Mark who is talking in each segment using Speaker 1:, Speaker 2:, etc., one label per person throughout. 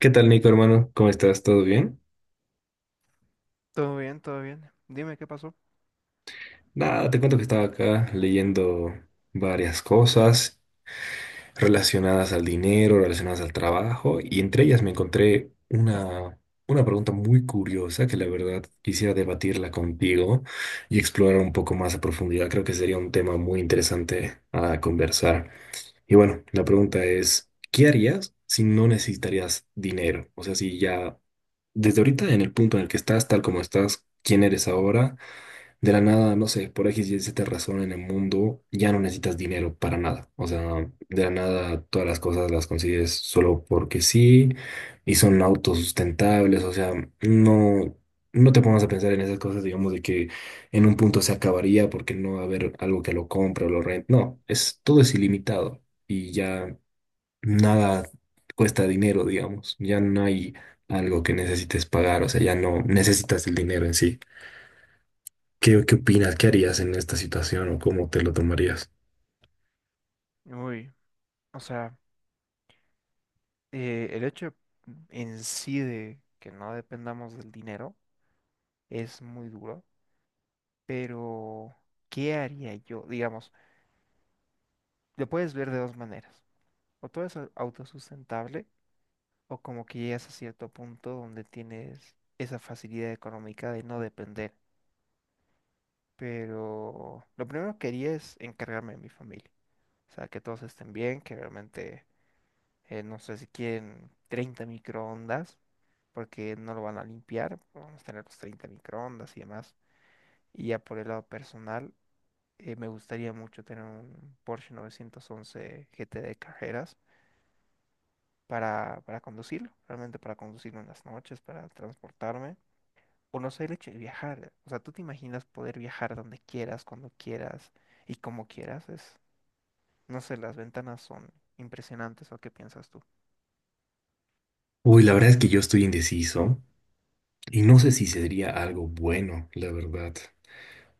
Speaker 1: ¿Qué tal, Nico, hermano? ¿Cómo estás? ¿Todo bien?
Speaker 2: Todo bien, todo bien. Dime qué pasó.
Speaker 1: Nada, te cuento que estaba acá leyendo varias cosas relacionadas al dinero, relacionadas al trabajo, y entre ellas me encontré una pregunta muy curiosa que la verdad quisiera debatirla contigo y explorar un poco más a profundidad. Creo que sería un tema muy interesante a conversar. Y bueno, la pregunta es, ¿qué harías si no necesitarías dinero? O sea, si ya desde ahorita en el punto en el que estás, tal como estás, ¿quién eres ahora? De la nada, no sé, por X y Z razón en el mundo, ya no necesitas dinero para nada. O sea, de la nada todas las cosas las consigues solo porque sí y son autosustentables. O sea, no, no te pongas a pensar en esas cosas, digamos, de que en un punto se acabaría porque no va a haber algo que lo compre o lo rente. No, es, todo es ilimitado y ya nada cuesta dinero, digamos. Ya no hay algo que necesites pagar. O sea, ya no necesitas el dinero en sí. ¿Qué, qué opinas? ¿Qué harías en esta situación o cómo te lo tomarías?
Speaker 2: Uy, o sea, el hecho en sí de que no dependamos del dinero es muy duro, pero ¿qué haría yo? Digamos, lo puedes ver de dos maneras. O todo es autosustentable, o como que llegas a cierto punto donde tienes esa facilidad económica de no depender. Pero lo primero que haría es encargarme de mi familia. O sea, que todos estén bien, que realmente, no sé si quieren 30 microondas, porque no lo van a limpiar, vamos a tener los 30 microondas y demás. Y ya por el lado personal, me gustaría mucho tener un Porsche 911 GT de carreras para, conducirlo, realmente para conducirlo en las noches, para transportarme. Conocer el hecho de viajar, o sea, tú te imaginas poder viajar donde quieras, cuando quieras y como quieras, es, no sé, las ventanas son impresionantes. ¿O qué piensas tú?
Speaker 1: Uy, la verdad es que yo estoy indeciso y no sé si sería algo bueno, la verdad,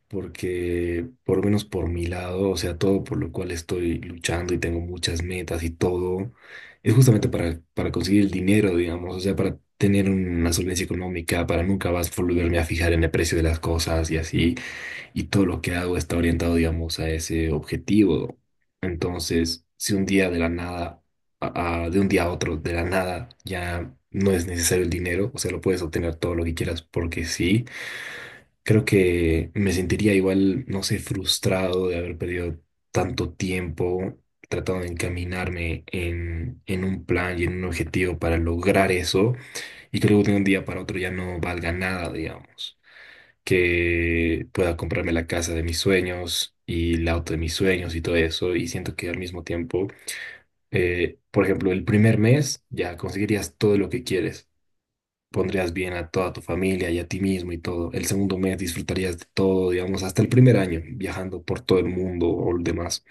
Speaker 1: porque por lo menos por mi lado, o sea, todo por lo cual estoy luchando y tengo muchas metas y todo, es justamente para conseguir el dinero, digamos, o sea, para tener una solvencia económica, para nunca más volverme a fijar en el precio de las cosas y así. Y todo lo que hago está orientado, digamos, a ese objetivo. Entonces, si un día de la nada, de un día a otro, de la nada, ya no es necesario el dinero, o sea, lo puedes obtener todo lo que quieras porque sí, creo que me sentiría igual, no sé, frustrado de haber perdido tanto tiempo tratando de encaminarme en un plan y en un objetivo para lograr eso, y creo que de un día para otro ya no valga nada, digamos que pueda comprarme la casa de mis sueños y el auto de mis sueños y todo eso. Y siento que al mismo tiempo, por ejemplo, el primer mes ya conseguirías todo lo que quieres. Pondrías bien a toda tu familia y a ti mismo y todo. El segundo mes disfrutarías de todo, digamos, hasta el primer año, viajando por todo el mundo o el demás.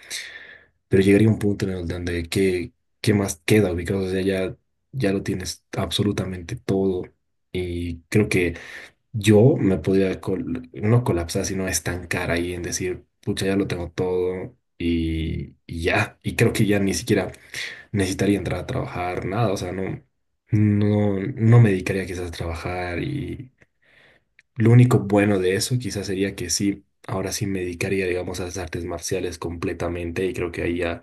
Speaker 1: Pero llegaría un punto en el donde qué, qué más queda ubicado. O sea, ya, ya lo tienes absolutamente todo. Y creo que yo me podía no colapsar, sino estancar ahí en decir, pucha, ya lo tengo todo y ya. Y creo que ya ni siquiera necesitaría entrar a trabajar, nada. O sea, no, no me dedicaría quizás a trabajar. Y lo único bueno de eso quizás sería que sí, ahora sí me dedicaría, digamos, a las artes marciales completamente. Y creo que ahí ya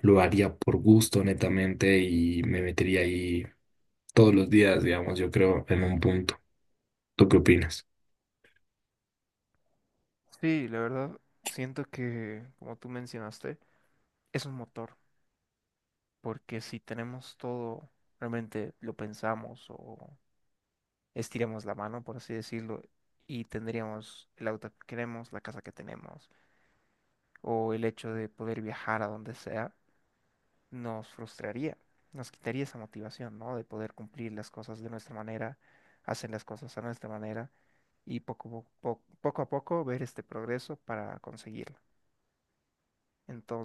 Speaker 1: lo haría por gusto, netamente, y me metería ahí todos los días, digamos, yo creo, en un punto. ¿Tú qué opinas?
Speaker 2: Sí, la verdad, siento que, como tú mencionaste, es un motor, porque si tenemos todo, realmente lo pensamos o estiramos la mano, por así decirlo, y tendríamos el auto que queremos, la casa que tenemos, o el hecho de poder viajar a donde sea, nos frustraría, nos quitaría esa motivación, ¿no? De poder cumplir las cosas de nuestra manera, hacer las cosas a nuestra manera, y poco a poco ver este progreso para conseguirlo.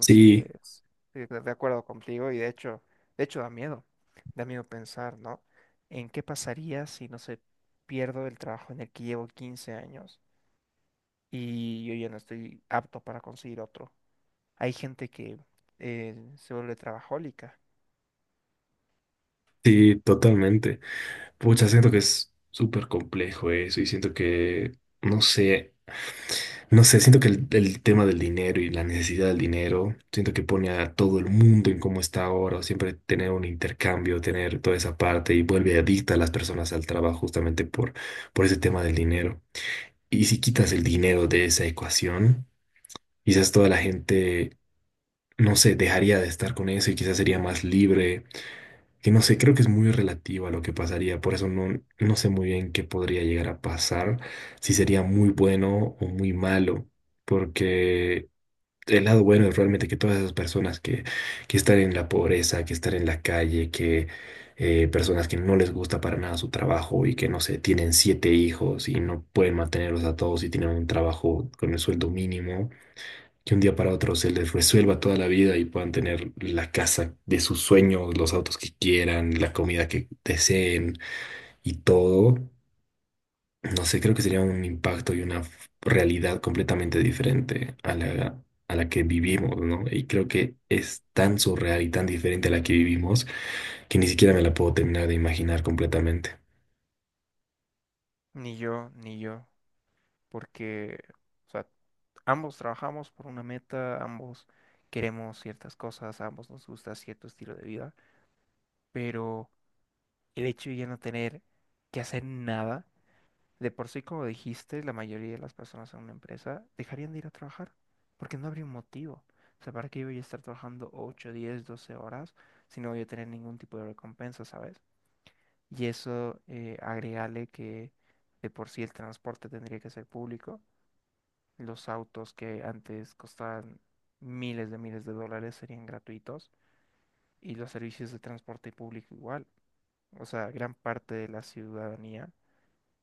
Speaker 1: Sí.
Speaker 2: sí, de acuerdo contigo y de hecho da miedo pensar, ¿no? ¿En qué pasaría si, no se, pierdo el trabajo en el que llevo 15 años y yo ya no estoy apto para conseguir otro? Hay gente que se vuelve trabajólica,
Speaker 1: Sí, totalmente. Pucha, siento que es súper complejo eso y siento que, no sé, no sé, siento que el tema del dinero y la necesidad del dinero, siento que pone a todo el mundo en cómo está ahora, o siempre tener un intercambio, tener toda esa parte y vuelve adicta a las personas al trabajo justamente por ese tema del dinero. Y si quitas el dinero de esa ecuación, quizás toda la gente, no sé, dejaría de estar con eso y quizás sería más libre que no sé, creo que es muy relativo a lo que pasaría, por eso no, no sé muy bien qué podría llegar a pasar, si sería muy bueno o muy malo, porque el lado bueno es realmente que todas esas personas que están en la pobreza, que están en la calle, que personas que no les gusta para nada su trabajo y que no sé, tienen 7 hijos y no pueden mantenerlos a todos y tienen un trabajo con el sueldo mínimo que un día para otro se les resuelva toda la vida y puedan tener la casa de sus sueños, los autos que quieran, la comida que deseen y todo. No sé, creo que sería un impacto y una realidad completamente diferente a la que vivimos, ¿no? Y creo que es tan surreal y tan diferente a la que vivimos que ni siquiera me la puedo terminar de imaginar completamente.
Speaker 2: ni yo, ni yo, porque, o sea, ambos trabajamos por una meta, ambos queremos ciertas cosas, a ambos nos gusta cierto estilo de vida, pero el hecho de ya no tener que hacer nada. De por sí, como dijiste, la mayoría de las personas en una empresa dejarían de ir a trabajar porque no habría un motivo. O sea, ¿para qué yo voy a estar trabajando 8, 10, 12 horas si no voy a tener ningún tipo de recompensa, ¿sabes? Y eso, agregale que de por sí el transporte tendría que ser público. Los autos que antes costaban miles de dólares serían gratuitos y los servicios de transporte público igual. O sea, gran parte de la ciudadanía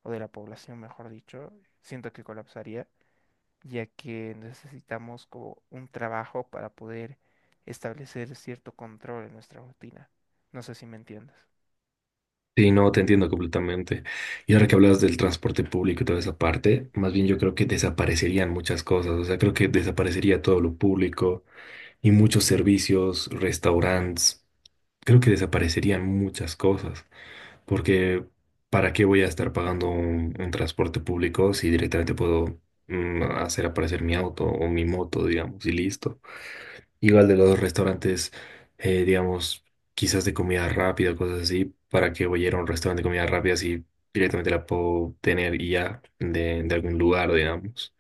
Speaker 2: o de la población, mejor dicho, siento que colapsaría ya que necesitamos como un trabajo para poder establecer cierto control en nuestra rutina. No sé si me entiendes.
Speaker 1: Sí, no, te entiendo completamente. Y ahora que hablas del transporte público y toda esa parte, más bien yo creo que desaparecerían muchas cosas. O sea, creo que desaparecería todo lo público y muchos servicios, restaurantes. Creo que desaparecerían muchas cosas. Porque, ¿para qué voy a estar pagando un transporte público si directamente puedo hacer aparecer mi auto o mi moto, digamos, y listo? Igual de los restaurantes, digamos, quizás de comida rápida, cosas así, para que voy a ir a un restaurante de comida rápida, si directamente la puedo tener y ya de algún lugar, digamos.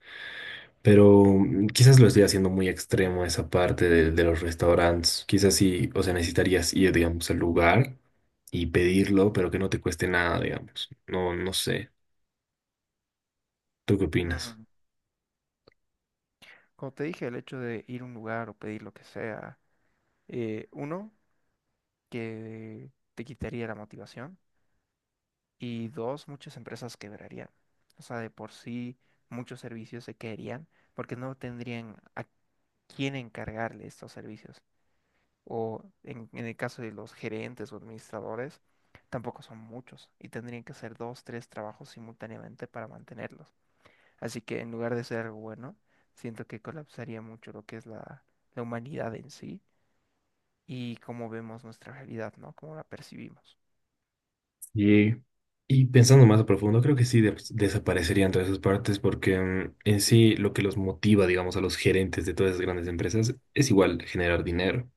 Speaker 1: Pero quizás lo estoy haciendo muy extremo esa parte de los restaurantes. Quizás sí, o sea, necesitarías ir, digamos, al lugar y pedirlo, pero que no te cueste nada, digamos. No, no sé. ¿Tú qué opinas?
Speaker 2: Mm, como te dije, el hecho de ir a un lugar o pedir lo que sea, uno, que te quitaría la motivación y dos, muchas empresas quebrarían. O sea, de por sí muchos servicios se caerían porque no tendrían a quién encargarle estos servicios, o en el caso de los gerentes o administradores, tampoco son muchos y tendrían que hacer dos, tres trabajos simultáneamente para mantenerlos. Así que en lugar de ser algo bueno, siento que colapsaría mucho lo que es la humanidad en sí y cómo vemos nuestra realidad, ¿no? Cómo la percibimos.
Speaker 1: Y, y pensando más a profundo, creo que sí desaparecerían todas esas partes porque en sí lo que los motiva, digamos, a los gerentes de todas esas grandes empresas es igual generar dinero.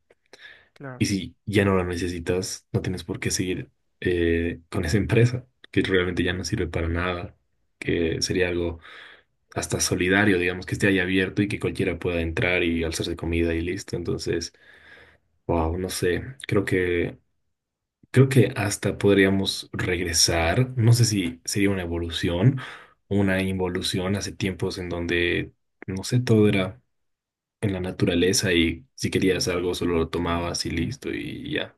Speaker 2: Claro,
Speaker 1: Y si ya no lo necesitas, no tienes por qué seguir con esa empresa, que realmente ya no sirve para nada, que sería algo hasta solidario, digamos, que esté ahí abierto y que cualquiera pueda entrar y alzarse comida y listo. Entonces, wow, no sé, creo que... Creo que hasta podríamos regresar, no sé si sería una evolución, una involución hace tiempos en donde, no sé, todo era en la naturaleza y si querías algo solo lo tomabas y listo y ya,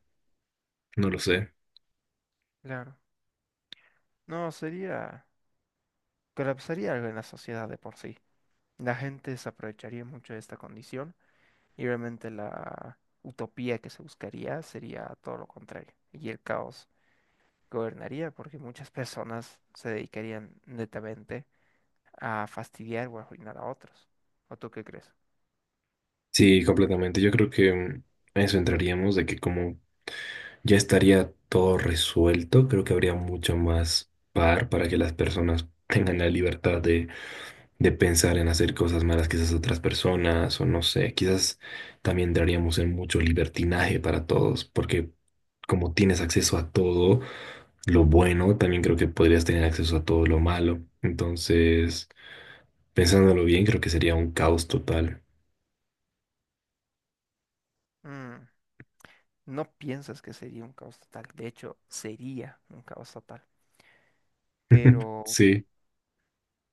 Speaker 1: no lo sé.
Speaker 2: claro. No, sería, colapsaría algo en la sociedad de por sí. La gente se aprovecharía mucho de esta condición y realmente la utopía que se buscaría sería todo lo contrario y el caos gobernaría, porque muchas personas se dedicarían netamente a fastidiar o arruinar a otros. ¿O tú qué crees?
Speaker 1: Sí, completamente. Yo creo que a eso entraríamos de que como ya estaría todo resuelto, creo que habría mucho más par para que las personas tengan la libertad de pensar en hacer cosas malas quizás a otras personas o no sé, quizás también entraríamos en mucho libertinaje para todos, porque como tienes acceso a todo lo bueno, también creo que podrías tener acceso a todo lo malo. Entonces, pensándolo bien, creo que sería un caos total.
Speaker 2: Mm, no piensas que sería un caos total, de hecho, sería un caos total. Pero
Speaker 1: Sí.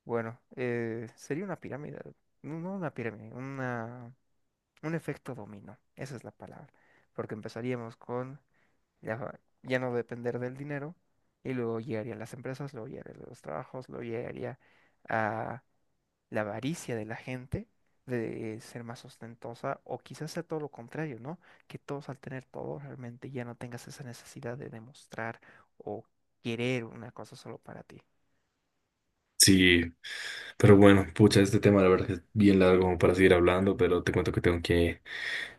Speaker 2: bueno, sería una pirámide, no una pirámide, una, un efecto dominó, esa es la palabra. Porque empezaríamos con ya no depender del dinero, y luego llegarían las empresas, luego llegarían los trabajos, luego llegaría la avaricia de la gente de ser más ostentosa o quizás sea todo lo contrario, ¿no? Que todos al tener todo realmente ya no tengas esa necesidad de demostrar o querer una cosa solo para ti.
Speaker 1: Sí, pero bueno, pucha, este tema la verdad que es bien largo como para seguir hablando, pero te cuento que tengo que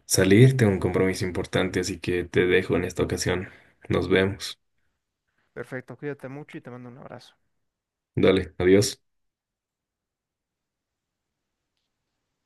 Speaker 1: salir, tengo un compromiso importante, así que te dejo en esta ocasión. Nos vemos.
Speaker 2: Perfecto, cuídate mucho y te mando un abrazo.
Speaker 1: Dale, adiós.